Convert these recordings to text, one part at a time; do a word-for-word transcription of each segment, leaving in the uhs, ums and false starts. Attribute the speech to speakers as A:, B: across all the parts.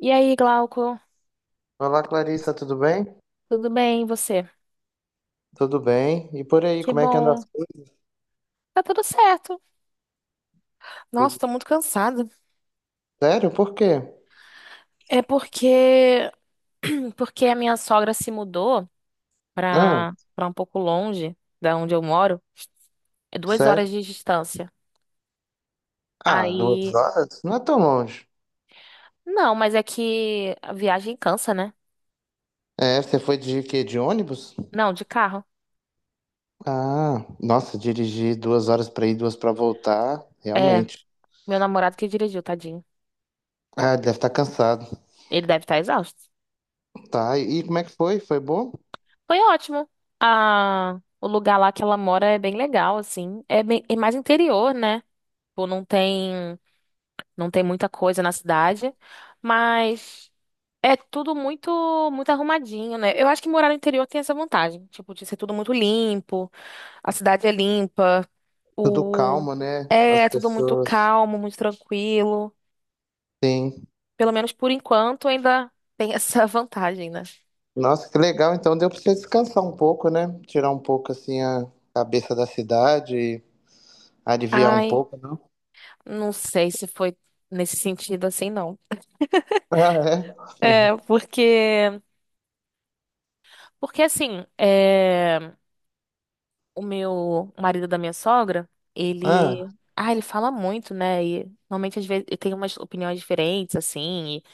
A: E aí, Glauco?
B: Olá, Clarissa, tudo bem?
A: Tudo bem, e você?
B: Tudo bem. E por aí,
A: Que
B: como é que anda
A: bom.
B: as coisas?
A: Tá tudo certo. Nossa,
B: Tudo-
A: tô muito cansada.
B: Sério? Por quê?
A: É porque porque a minha sogra se mudou
B: Ah,
A: pra, pra um pouco longe da onde eu moro. É duas
B: sério?
A: horas de distância.
B: Ah, duas
A: Aí,
B: horas? Não é tão longe.
A: não, mas é que a viagem cansa, né?
B: É, você foi de quê? De ônibus?
A: Não, de carro.
B: Ah, nossa, dirigir duas horas pra ir, duas pra voltar,
A: É,
B: realmente.
A: meu namorado que dirigiu, tadinho.
B: Ah, deve estar cansado.
A: Ele deve estar exausto.
B: Tá, e e como é que foi? Foi bom?
A: Foi ótimo. Ah, o lugar lá que ela mora é bem legal, assim. É bem, é mais interior, né? Tipo, não tem. Não tem muita coisa na cidade, mas é tudo muito muito arrumadinho, né? Eu acho que morar no interior tem essa vantagem, tipo, de ser tudo muito limpo, a cidade é limpa,
B: Tudo
A: o
B: calmo, né? As
A: é tudo muito
B: pessoas.
A: calmo, muito tranquilo.
B: Sim.
A: Pelo menos por enquanto ainda tem essa vantagem, né?
B: Nossa, que legal. Então deu pra você descansar um pouco, né? Tirar um pouco, assim, a cabeça da cidade e aliviar um
A: Ai,
B: pouco.
A: não sei se foi nesse sentido assim, não.
B: Ah, é?
A: É, porque porque assim, é o meu marido da minha sogra,
B: Ah,
A: ele. Ah, ele fala muito, né? E normalmente às vezes ele tem umas opiniões diferentes, assim, e-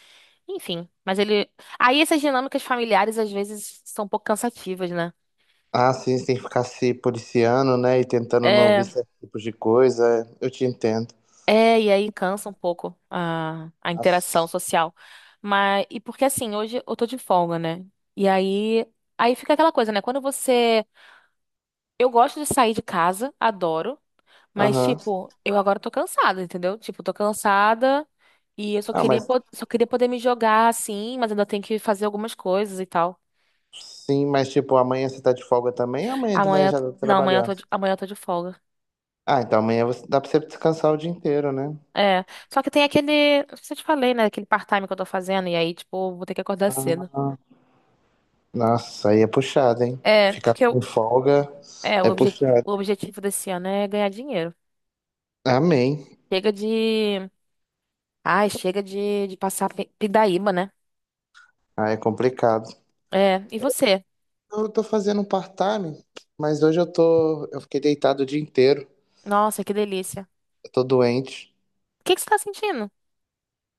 A: enfim. Mas ele. Aí essas dinâmicas familiares às vezes são um pouco cansativas, né?
B: ah, sim, você tem que ficar se policiando, né? E tentando não ouvir
A: É,
B: certos tipos de coisa. Eu te entendo.
A: é, e aí cansa um pouco a, a interação
B: Nossa.
A: social. Mas, e porque assim, hoje eu tô de folga, né? E aí, aí fica aquela coisa, né? Quando você. Eu gosto de sair de casa, adoro. Mas,
B: Aham.
A: tipo, eu agora tô cansada, entendeu? Tipo, tô cansada e eu só
B: Ah,
A: queria,
B: mas
A: po- só queria poder me jogar assim, mas ainda tenho que fazer algumas coisas e tal.
B: sim, mas tipo, amanhã você tá de folga também? Amanhã de manhã
A: Amanhã.
B: já tá
A: Não, amanhã eu tô
B: trabalhando.
A: de, amanhã eu tô de folga.
B: Ah, então amanhã você, dá pra você descansar o dia inteiro, né?
A: É. Só que tem aquele. Não sei se eu te falei, né? Aquele part-time que eu tô fazendo. E aí, tipo, eu vou ter que acordar cedo.
B: Nossa, aí é puxado, hein?
A: É,
B: Ficar
A: porque
B: sem
A: eu.
B: folga
A: É, o,
B: é
A: obje,
B: puxado.
A: o objetivo desse ano é ganhar dinheiro.
B: Amém.
A: Chega de. Ai, chega de, de passar pe- pindaíba, né?
B: Ah, é complicado.
A: É. E você?
B: Eu tô fazendo um part-time, mas hoje eu tô. Eu fiquei deitado o dia inteiro.
A: Nossa, que delícia.
B: Eu tô doente.
A: O que que você tá sentindo?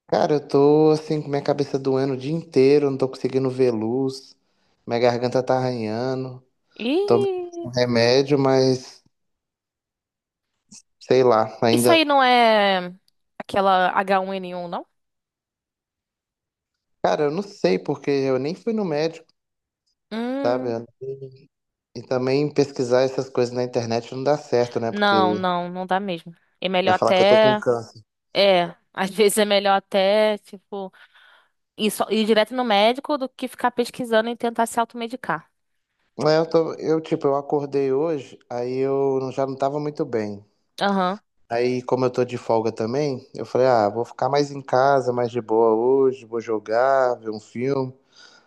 B: Cara, eu tô assim com minha cabeça doendo o dia inteiro, não tô conseguindo ver luz, minha garganta tá arranhando, tomei um
A: Ih.
B: remédio, mas sei lá,
A: Isso
B: ainda.
A: aí não é aquela agá um ene um, não?
B: Cara, eu não sei porque eu nem fui no médico,
A: Hum,
B: sabe? E também pesquisar essas coisas na internet não dá certo, né?
A: não,
B: Porque
A: não, não dá mesmo. É
B: vai
A: melhor
B: falar que eu tô com
A: até.
B: câncer.
A: É, às vezes é melhor até, tipo, ir, só- ir direto no médico do que ficar pesquisando e tentar se automedicar.
B: É, eu tô, eu tipo, eu acordei hoje, aí eu não- já não tava muito bem.
A: Aham.
B: Aí, como eu tô de folga também, eu falei, ah, vou ficar mais em casa, mais de boa hoje, vou jogar, ver um filme.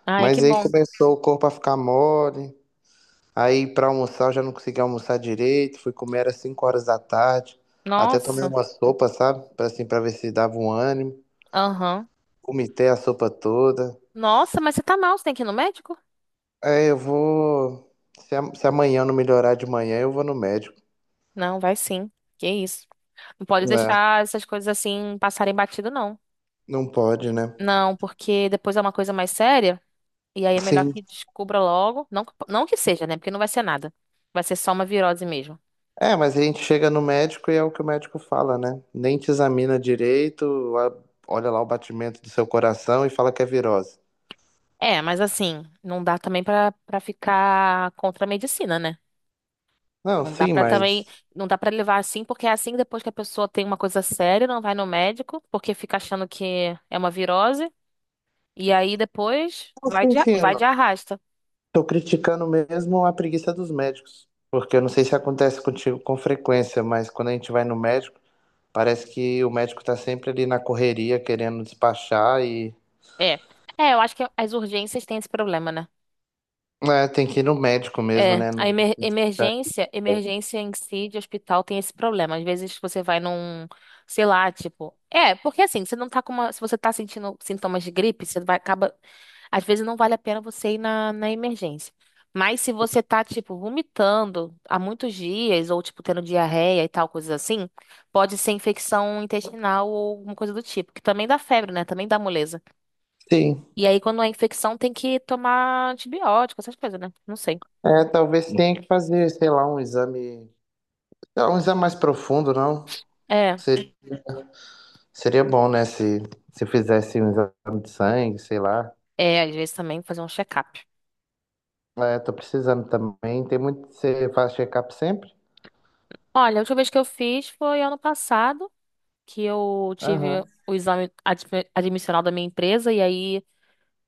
A: Ai, que
B: Mas aí
A: bom.
B: começou o corpo a ficar mole. Aí pra almoçar eu já não conseguia almoçar direito. Fui comer às cinco horas da tarde. Até tomei
A: Nossa.
B: uma sopa, sabe? Pra, assim, pra ver se dava um ânimo.
A: Aham.
B: Vomitei a sopa toda.
A: Nossa, mas você tá mal, você tem que ir no médico?
B: Aí eu vou. Se, a- se amanhã não melhorar de manhã, eu vou no médico.
A: Não, vai sim. Que isso. Não pode
B: Né?
A: deixar essas coisas assim passarem batido, não.
B: Não pode, né?
A: Não, porque depois é uma coisa mais séria. E aí é melhor
B: Sim.
A: que descubra logo. Não, que- não que seja, né? Porque não vai ser nada. Vai ser só uma virose mesmo.
B: É, mas a gente chega no médico e é o que o médico fala, né? Nem te examina direito, a- olha lá o batimento do seu coração e fala que é virose.
A: É, mas assim, não dá também pra, pra ficar contra a medicina, né?
B: Não,
A: Não dá
B: sim,
A: pra também,
B: mas.
A: não dá pra levar assim, porque é assim que depois que a pessoa tem uma coisa séria, não vai no médico, porque fica achando que é uma virose, e aí depois
B: Não,
A: vai
B: sim,
A: de, a-
B: sim.
A: vai de arrasta.
B: Tô criticando mesmo a preguiça dos médicos, porque eu não sei se acontece contigo com frequência, mas quando a gente vai no médico, parece que o médico tá sempre ali na correria, querendo despachar e
A: É. É, eu acho que as urgências têm esse problema, né?
B: é, tem que ir no médico mesmo,
A: É,
B: né?
A: a
B: No-
A: emer- emergência, emergência em si de hospital tem esse problema. Às vezes você vai num, sei lá, tipo, é, porque assim, você não tá com uma, se você tá sentindo sintomas de gripe, você vai acaba, às vezes não vale a pena você ir na, na, emergência. Mas se você tá, tipo, vomitando há muitos dias ou tipo tendo diarreia e tal, coisas assim, pode ser infecção intestinal ou alguma coisa do tipo, que também dá febre, né? Também dá moleza.
B: Sim,
A: E aí quando é infecção tem que tomar antibiótico, essas coisas, né? Não sei.
B: é, talvez tenha que fazer, sei lá, um exame, sei lá, um exame mais profundo, não?
A: É.
B: Se- Seria bom, né, se, se, fizesse um exame de sangue, sei lá.
A: É, às vezes também fazer um check-up.
B: É, tô precisando também, tem muito, você faz check-up sempre?
A: Olha, a última vez que eu fiz foi ano passado, que eu
B: Aham.
A: tive o exame admi- admissional da minha empresa, e aí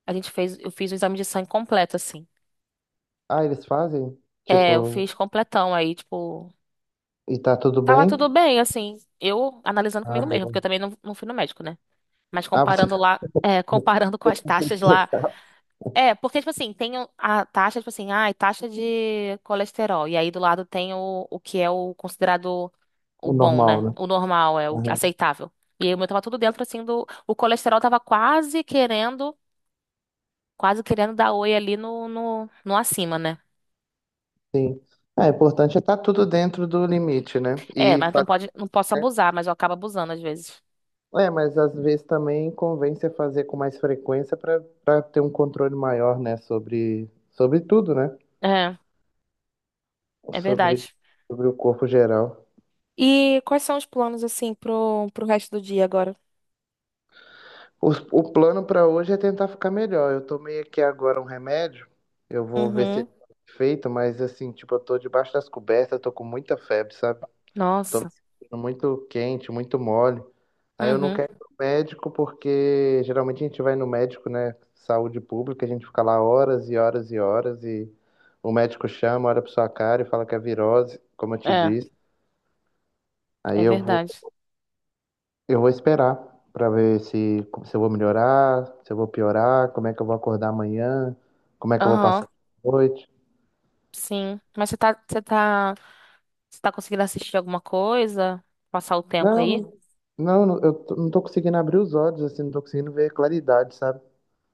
A: a gente fez, eu fiz o exame de sangue completo, assim.
B: Ah, eles fazem?
A: É, eu fiz
B: Tipo,
A: completão, aí, tipo,
B: e tá tudo
A: tava
B: bem?
A: tudo bem, assim, eu analisando
B: Ah,
A: comigo mesmo
B: boa.
A: porque eu também não, não fui no médico, né? Mas
B: Ah, você
A: comparando lá, é, comparando com as
B: tem
A: taxas lá.
B: checar
A: É, porque, tipo assim, tem o- a taxa, tipo assim, ah, taxa de colesterol. E aí do lado tem o, o que é o considerado o
B: o
A: bom,
B: normal,
A: né?
B: né?
A: O normal, é o
B: Uhum.
A: aceitável. E aí o meu tava tudo dentro, assim, do. O colesterol tava quase querendo, quase querendo dar oi ali no, no, no acima, né?
B: Sim. É, o importante é estar tudo dentro do limite, né?
A: É,
B: E
A: mas não
B: fazer,
A: pode, não posso
B: né?
A: abusar, mas eu acabo abusando às vezes.
B: É, mas às vezes também convém você fazer com mais frequência para para ter um controle maior, né? Sobre, sobre tudo, né?
A: É, é
B: Sobre,
A: verdade.
B: sobre o corpo geral.
A: E quais são os planos, assim, pro, pro resto do dia agora?
B: O, o plano para hoje é tentar ficar melhor. Eu tomei aqui agora um remédio. Eu vou ver se ele
A: Uhum.
B: tá feito, mas assim, tipo, eu tô debaixo das cobertas, tô com muita febre, sabe? Tô me
A: Nossa.
B: sentindo muito quente, muito mole. Aí eu não
A: Uhum.
B: quero ir no médico porque geralmente a gente vai no médico, né? Saúde pública, a gente fica lá horas e horas e horas e o médico chama, olha pra sua cara e fala que é virose, como eu te
A: É,
B: disse. Aí
A: é
B: eu vou,
A: verdade.
B: eu vou esperar pra ver se, se eu vou melhorar, se eu vou piorar, como é que eu vou acordar amanhã, como é que eu vou passar
A: Aham.
B: a noite.
A: Sim. Mas você tá, você tá, você tá conseguindo assistir alguma coisa? Passar o tempo
B: Não,
A: aí?
B: não, não, não, eu tô- não tô conseguindo abrir os olhos, assim, não tô conseguindo ver claridade, sabe?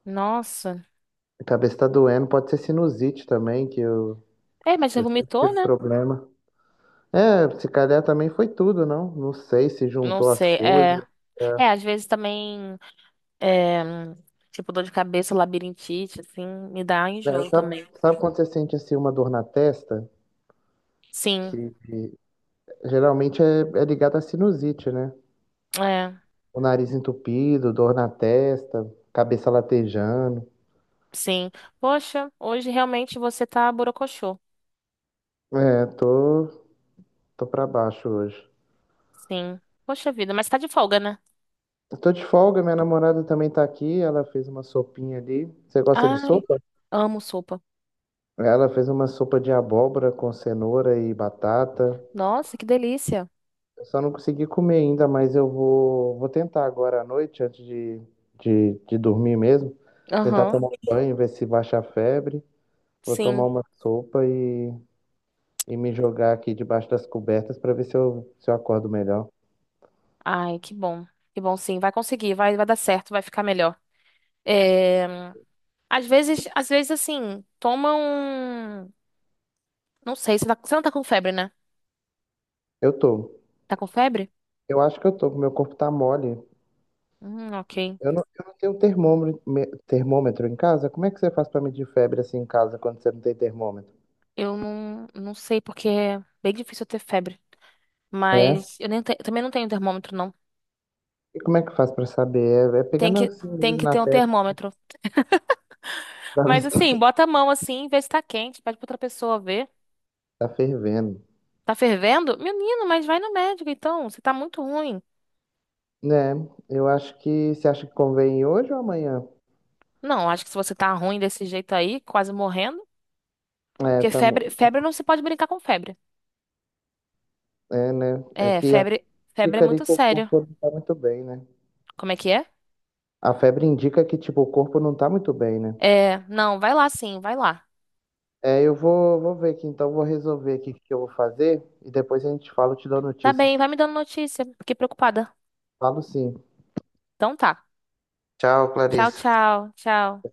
A: Nossa.
B: A cabeça tá doendo, pode ser sinusite também, que eu,
A: É, mas você
B: eu sempre
A: vomitou,
B: tive
A: né?
B: problema. É, se calhar também foi tudo, não? Não sei se
A: Não
B: juntou as
A: sei. É,
B: coisas. É.
A: é às vezes também, é, tipo, dor de cabeça, labirintite, assim, me dá
B: É,
A: enjoo
B: sabe,
A: também.
B: sabe quando você sente assim uma dor na testa?
A: Sim,
B: Que, que geralmente é, é ligada à sinusite, né?
A: é,
B: O nariz entupido, dor na testa, cabeça latejando.
A: sim. Poxa, hoje realmente você tá borocochô.
B: É, tô, tô pra baixo hoje.
A: Sim. Poxa vida, mas tá de folga, né?
B: Eu tô de folga, minha namorada também tá aqui, ela fez uma sopinha ali. Você gosta de
A: Ai,
B: sopa?
A: amo sopa.
B: Ela fez uma sopa de abóbora com cenoura e batata.
A: Nossa, que delícia.
B: Eu só não consegui comer ainda, mas eu vou, vou tentar agora à noite, antes de, de, de dormir mesmo. Tentar
A: Aham,
B: tomar um banho, ver se baixa a febre. Vou tomar
A: sim.
B: uma sopa e, e me jogar aqui debaixo das cobertas para ver se eu, se eu acordo melhor.
A: Ai, que bom. Que bom, sim. Vai conseguir, vai, vai dar certo, vai ficar melhor. É, às vezes, às vezes, assim, toma um. Não sei, você, tá- você não tá com febre, né?
B: Eu tô.
A: Tá com febre?
B: Eu acho que eu tô, meu corpo tá mole.
A: Hum, ok.
B: Eu não, eu não tenho termômetro, me- termômetro em casa. Como é que você faz para medir febre assim em casa quando você não tem termômetro?
A: Eu não, não sei, porque é bem difícil eu ter febre.
B: É.
A: Mas eu nem te- também não tenho termômetro, não.
B: E como é que faz pra saber? É, é
A: Tem
B: pegando
A: que,
B: assim
A: tem
B: mesmo
A: que
B: na
A: ter um
B: testa
A: termômetro.
B: pra ver
A: Mas,
B: se tá
A: assim, bota a mão assim, vê se tá quente, pede pra outra pessoa ver.
B: tá fervendo.
A: Tá fervendo? Menino, mas vai no médico, então. Você tá muito ruim.
B: Né? Eu acho que você acha que convém hoje ou amanhã?
A: Não, acho que se você tá ruim desse jeito aí, quase morrendo,
B: É,
A: porque
B: tá,
A: febre,
B: mu-
A: febre não se pode brincar com febre.
B: é, né? É
A: É,
B: que a-
A: febre, febre é
B: fica ali
A: muito
B: que o corpo
A: sério.
B: não tá muito bem, né?
A: Como é que é?
B: A febre indica que, tipo, o corpo não tá muito bem, né?
A: É, não, vai lá sim, vai lá.
B: É, eu vou, vou ver aqui, então vou resolver aqui o que eu vou fazer e depois a gente fala, eu te dou
A: Tá bem,
B: notícias.
A: vai me dando notícia. Fiquei preocupada.
B: Falo sim.
A: Então tá.
B: Tchau,
A: Tchau,
B: Clarice.
A: tchau, tchau.